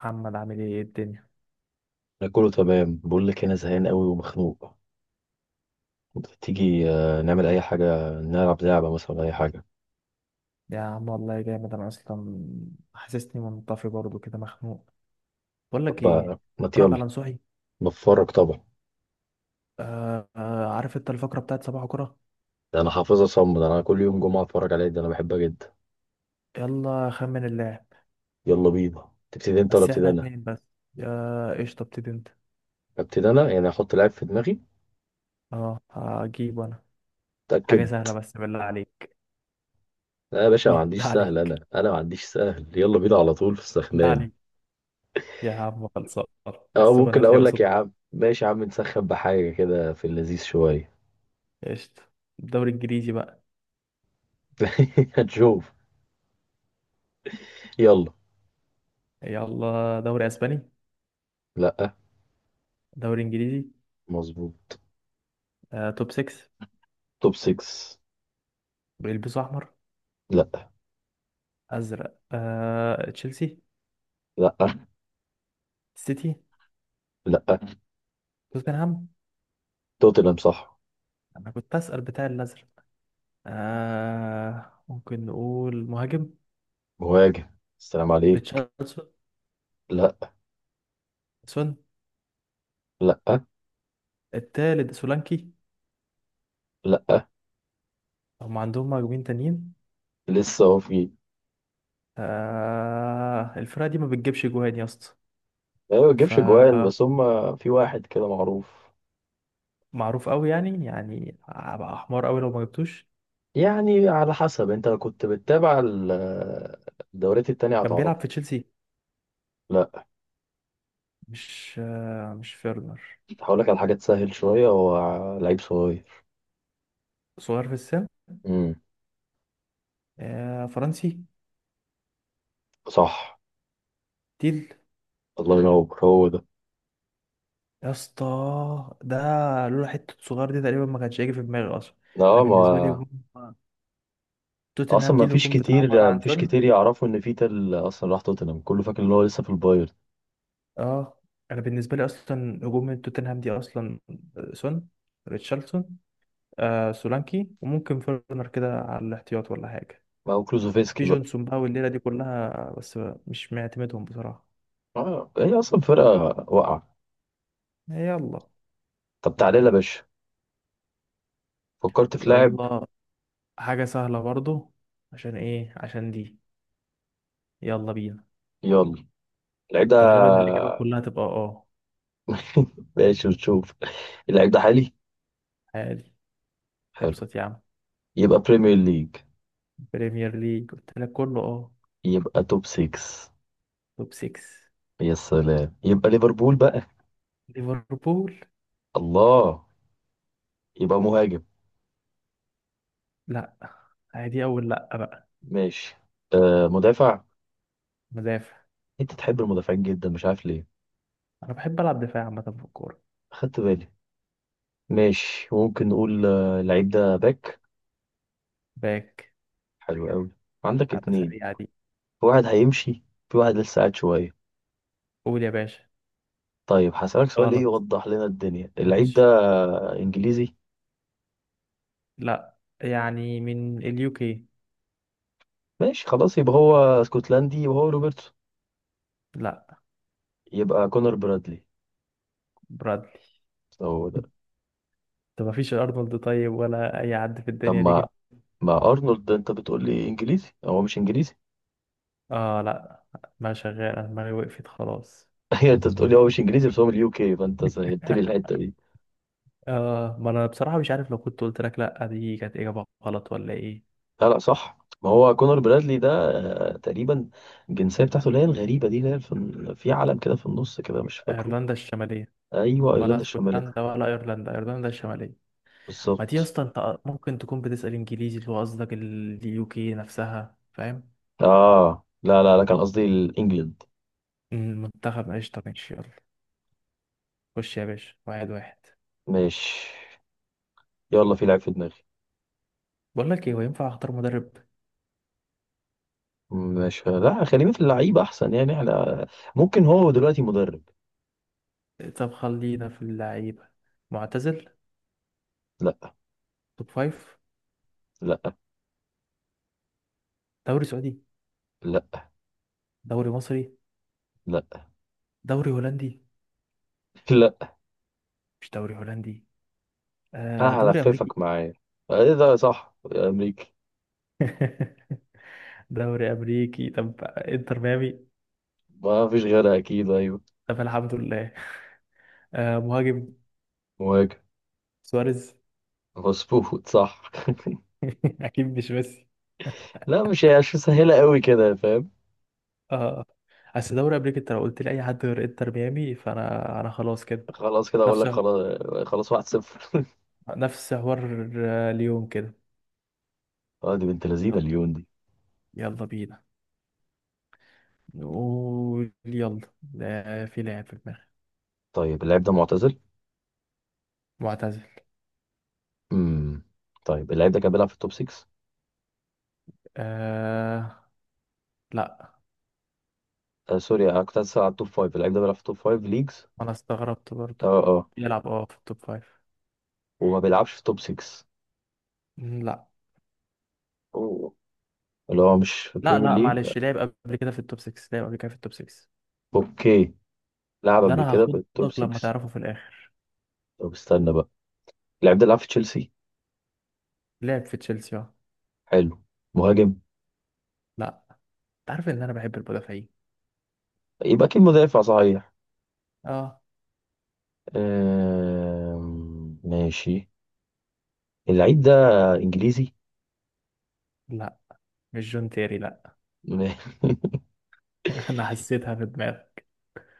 محمد، عامل ايه؟ إيه الدنيا؟ انا كله تمام. بقول لك انا زهقان قوي ومخنوق. تيجي نعمل اي حاجه، نلعب لعبه مثلا اي حاجه. يا عم والله جامد انا اصلا. حاسسني منطفي برضو كده مخنوق. بقول لك طب ايه، آه، ما ت- اتفرج يلا. على نصوحي. بتفرج طبعا. آه آه، عارف انت الفقره بتاعت صباح كرة. ده انا حافظها صم، ده انا كل يوم جمعه اتفرج عليها، ده انا بحبها جدا. يلا خمن اللاعب. يلا بينا. تبتدي انت ولا بس ابتدي احنا انا؟ اتنين بس. يا قشطه ابتدي انت. ابتدي انا يعني، احط لعب في دماغي. اه هجيب انا حاجه اتاكد. سهله بس بالله عليك. لا يا باشا، ما بالله عنديش سهل، عليك. انا ما عنديش سهل. يلا بينا على طول في بالله السخنان. عليك. يا عم خلصان. او السخن ممكن هتلاقي اقول لك قصاد يا البحر. عم ماشي يا عم، نسخن بحاجه كده في اللذيذ شويه. قشطه. الدوري الانجليزي بقى. هنشوف. يلا. يلا دوري اسباني. لا. دوري انجليزي. مظبوط. توب 6. توب 6. بيلبسوا احمر. لا ازرق. تشيلسي. لا سيتي. لا. توتنهام. توتنهام صح. انا كنت اسال بتاع الازرق. ممكن نقول مهاجم. مهاجم. السلام عليك. ريتشاردسون. لا. سون. لا. التالت سولانكي. لا. هم عندهم مهاجمين تانيين. لسه هو في. الفرقه دي ما بتجيبش جوان يا اسطى. ايوه ما بيجيبش جوان، فمعروف بس هم في واحد كده معروف. قوي يعني، هبقى احمر قوي لو ما جبتوش. يعني على حسب، انت لو كنت بتتابع الدوريات التانية كان هتعرفه. بيلعب في تشيلسي. لا. مش فيرنر. هقول لك على حاجة تسهل شوية، هو لعيب صغير. صغير في السن. امم. فرنسي. صح. تيل الله ينور، هو ده. يا اسطى. ده لولا حته صغير دي تقريبا ما كانش هيجي في دماغي اصلا. انا لا، بالنسبه لي ما. هجوم اصلا توتنهام دي ما فيش الهجوم بتاعها عباره كتير ما عن فيش سون. كتير يعرفوا ان فيتا اصلا راح توتنهام، كله فاكر ان هو لسه في البايرن. اه انا بالنسبه لي اصلا هجوم توتنهام دي اصلا سون، ريتشارلسون، سولانكي، وممكن فيرنر كده على الاحتياط ولا حاجه. ما هو في كلوزوفسكي بقى. جونسون بقى والليله دي كلها بس مش معتمدهم بصراحه. اه، هي اصلا فرقه واقعه. يلا. طب تعالى يا باشا، فكرت في لاعب. يلا حاجه سهله برضو، عشان ايه؟ عشان دي. يلا بينا. يلا. اللعيب ده. انت غالبا الاجابات كلها تبقى اه. ماشي ونشوف. اللعيب ده حالي. عادي. حلو. ابسط يا عم. يبقى بريمير ليج. بريمير ليج قلت لك كله اه. يبقى توب 6. توب 6. يا سلام، يبقى ليفربول بقى. ليفربول. الله. يبقى مهاجم. لا. عادي اول لا بقى. ماشي. آه مدافع. مدافع. انت تحب المدافعين جدا، مش عارف ليه. انا بحب العب دفاع عامه في الكوره. خدت بالي. ماشي، ممكن نقول اللعيب ده باك. باك. حلو قوي. عندك على اتنين. سريعه دي. في واحد هيمشي، في واحد لسه قاعد شويه. قول يا باشا. طيب هسألك سؤال ايه غلط. يوضح لنا الدنيا. اللعيب ده ماشي. انجليزي؟ لا، يعني من اليو كي. ماشي خلاص، يبقى هو اسكتلندي، وهو روبرتسون. لا. يبقى كونر برادلي. برادلي. هو ده. طب مفيش ارنولد طيب ولا اي حد في طب الدنيا دي ما، جه؟ ارنولد ده انت بتقول لي انجليزي، هو مش انجليزي. اه لا، ما شغال. انا دماغي وقفت خلاص. هي انت بتقول لي هو مش انجليزي، بس هو من اليو كي، فانت سهلت لي الحته دي. ما أنا بصراحة مش عارف لو كنت قلت لك لأ دي كانت إجابة غلط ولا إيه. لا لا، صح. ما هو كونر برادلي ده تقريبا الجنسيه بتاعته اللي هي الغريبه دي، اللي هي في علم كده في النص كده، مش فاكره. ايرلندا الشماليه. ايوه، ولا ايرلندا الشماليه. اسكتلندا ولا ايرلندا، ايرلندا الشماليه. ما دي يا بالظبط. اسطى انت ممكن تكون بتسال انجليزي اللي هو قصدك اليو كي نفسها، فاهم. اه لا لا لا، كان قصدي الانجلند. المنتخب، قشطه ماشي يلا. خش يا باشا واحد واحد. ماشي، يلا، في لعيب في دماغي. بقول لك ايه، هو ينفع اختار مدرب؟ مش، لا، خلينا في اللعيب احسن، يعني احنا ممكن هو دلوقتي مدرب. طب خلينا في اللعيبه. معتزل. لا توب فايف. لا دوري سعودي. لا دوري مصري. لا دوري هولندي. لا. مش دوري هولندي. دوري امريكي. هلففك معايا. ايه ده، صح يا امريكي؟ دوري امريكي، طب انتر ميامي. ما فيش غيرها اكيد. ايوه. طب الحمد لله. مهاجم. مهاجم. سواريز. مظبوط، صح. اكيد مش ميسي. لا مش هي، مش سهله قوي كده، فاهم. اه. اصل دوري امريكا انت لو قلت لي اي حد غير انتر ميامي فانا خلاص كده. خلاص كده اقول نفس، لك خلاص. خلاص، واحد صفر. نفس حوار اليوم كده. اه، دي بنت لذينه يلا. اليون دي. يلا بينا. نقول يلا ده في لاعب في دماغي. طيب اللاعب ده معتزل. معتزل. امم. طيب اللاعب ده كان بيلعب في التوب 6؟ آه لا. آه سوري، انا كنت هسأل على التوب 5. اللاعب ده بيلعب في التوب 5 ليجز. انا استغربت برضو. اه اه. بيلعب في التوب فايف. وما بيلعبش في توب 6. لا. أوه. اللي هو مش في لا بريمير لا ليج. معلش، لعب قبل كده في التوب 6. لعب قبل كده في التوب 6. اوكي. لعب ده قبل انا كده في التوب هاخدك لما 6. تعرفه في الاخر. طب استنى بقى. اللاعب ده لعب في تشيلسي. لعب في تشيلسي اه. حلو. مهاجم. لا. انت عارف ان انا بحب المدافعين. يبقى اكيد مدافع، صحيح. اه. ماشي. اللعيب ده انجليزي. لا مش جون تيري، لا. انا حسيتها في دماغك.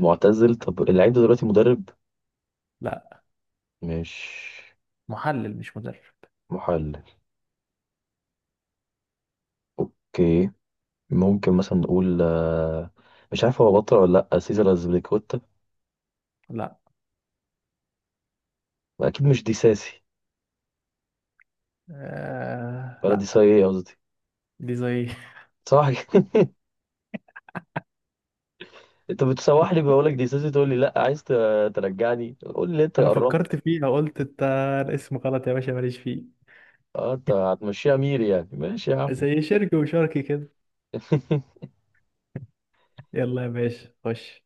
معتزل. طب اللعيب ده دلوقتي مدرب؟ لا. مش. محلل مش مدرب. محلل. اوكي. ممكن مثلا نقول مش عارف هو بطل ولا لا، سيزر أزبيليكويتا. لا. اكيد مش دي ساسي. ولا دي ساي، لا. ايه قصدي، دي زي. صح. انت بتسوح لي، بقول لك دي سيسي تقول لي لا، عايز ترجعني، قول لي انت انا فكرت قربت. فيها قلت انت. الاسم غلط يا باشا، ماليش فيه. اه، انت هتمشيها مير يعني، ماشي يا عم. زي شركي وشركي كده. يلا يا باشا خش.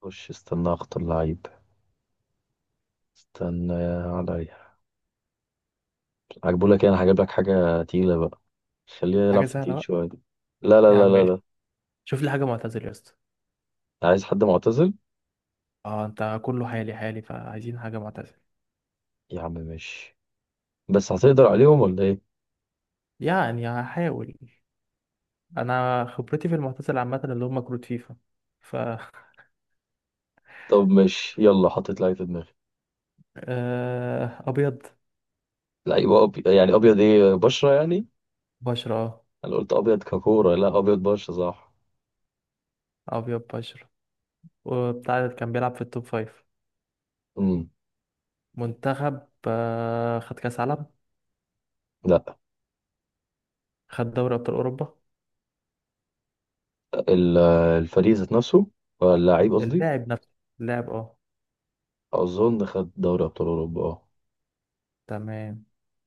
خش استنى، اخطر لعيب. استنى عليا. عجبوا لك ايه؟ انا هجيب لك حاجه تقيله بقى، خلينا نلعب حاجة في سهلة التقيل بقى. شويه. لا لا يا لا عم لا ماشي. لا. شوف لي حاجة معتزل يا اسطى. عايز حد معتزل. اه انت كله حالي حالي، فعايزين حاجة معتزل. يا عم ماشي، بس هتقدر عليهم ولا ايه؟ يعني هحاول. انا خبرتي في المعتزل عامة اللي هم كروت فيفا، ف. طب ماشي، يلا، حطيت لعيب في دماغي. ابيض. لعيب يعني ابيض ايه، بشره يعني؟ بشرة اه، انا قلت ابيض ككوره، لا ابيض بشره؟ صح. ابيض بشرة. وبتاع كان بيلعب في التوب فايف. امم. منتخب، خد كأس عالم. لا. خد دوري أبطال أوروبا. ال- الفريق ذات نفسه، ولا اللعيب قصدي. اللاعب نفسه. اللاعب اه. اظن خد دوري ابطال اوروبا، اه. تمام.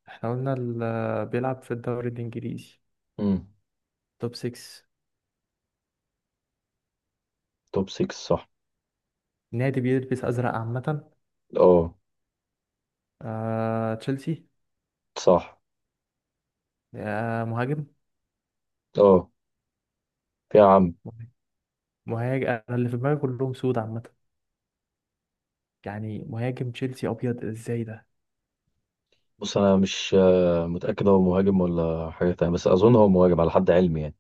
احنا قلنا بيلعب في الدوري الإنجليزي. امم. توب 6. توب 6، صح. نادي بيلبس أزرق عامة. اه. تشيلسي. صح. مهاجم. اه يا عم. مهاجم؟ أنا اللي في دماغي كلهم سود عامة. يعني مهاجم تشيلسي أبيض إزاي ده. بص انا مش متاكد هو مهاجم ولا حاجه تانية، بس اظن هو مهاجم على حد علمي يعني.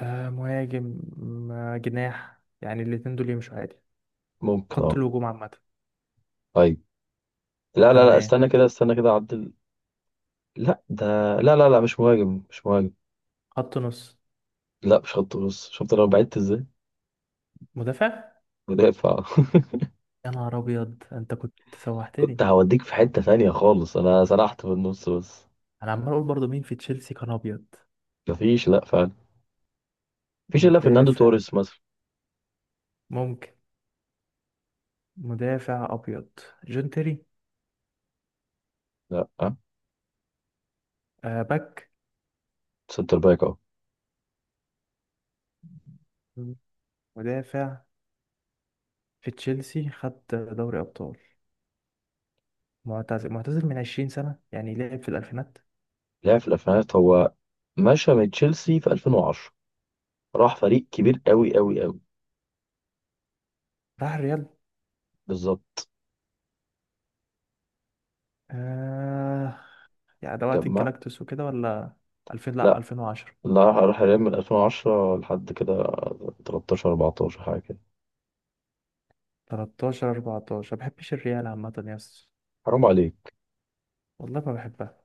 مهاجم. جناح يعني الاتنين دول يمشوا عادي. ممكن خط اه. الهجوم عامة. ايوه. لا لا لا، تمام. استنى كده، استنى كده اعدل. لا ده. لا لا لا، مش مهاجم مش مهاجم. خط نص. لا مش خط نص، شفت انا بعدت ازاي. مدافع. مدافع. يا نهار ابيض، انت كنت كنت سوحتني. هوديك في حتة تانية خالص، انا سرحت في النص بس. انا عمال اقول برضو مين في تشيلسي كان ابيض. مفيش، لا فعلا. مفيش الا فرناندو مدافع توريس مثلا. ممكن. مدافع ابيض. جون تيري. لا. باك. سنتر باك اهو. مم. مدافع. في تشيلسي خد دوري ابطال. معتزل، معتزل من 20 سنه يعني. لعب في الالفينات. لعب في الالفينات هو. مشى من تشيلسي في 2010، راح فريق كبير قوي قوي قوي. راح الريال. بالظبط. آه. يعني ده وقت جمع. الجلاكتوس وكده ولا؟ 2000، لا لا 2010. لا، راح ريال من 2010 لحد كده 13 14 حاجه كده. 13، 14. ما بحبش الريال عامه يس. حرام عليك. والله ما بحبها.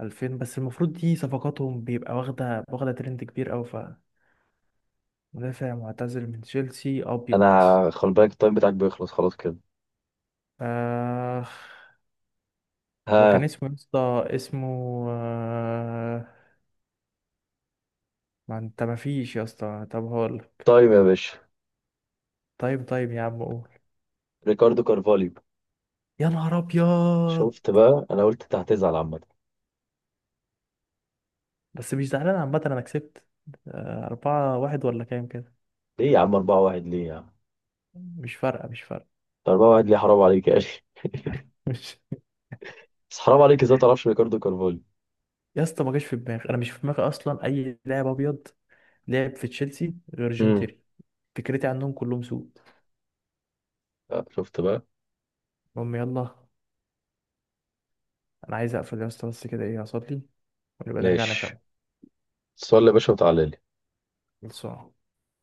2000 بس المفروض دي صفقاتهم بيبقى واخدة واخدة ترند كبير أوي، ف. مدافع معتزل من تشيلسي أبيض. انا، خلي بالك التايم بتاعك بيخلص خلاص كده. آه وكان ها. اسمه يا اسطى، اسمه آه ما انت مفيش يا اسطى، طب هقول. تايم يا باشا. طيب طيب يا عم قول. ريكاردو كارفاليو. يا نهار أبيض. شفت بقى، انا قلت انت هتزعل عامه. بس مش زعلان عامة، أنا كسبت. 4-1 ولا كام كده. ليه يا عم 4 1، ليه يا عم مش فارقة، مش فارقة. 4 1 ليه، حرام عليك يا اخي. مش. بس حرام عليك، ازاي ما تعرفش ريكاردو كارفاليو؟ يا اسطى ما جاش في دماغي، أنا مش في دماغي أصلا أي لاعب أبيض لعب في تشيلسي غير جون امم. تيري. فكرتي عنهم كلهم سوء. شفت بقى. المهم يلا، انا عايز اقفل يا اسطى بس كده ايه اصلي، ونبقى نرجع ماشي. نكمل. تصلي يا باشا وتعالى لي. خلصان.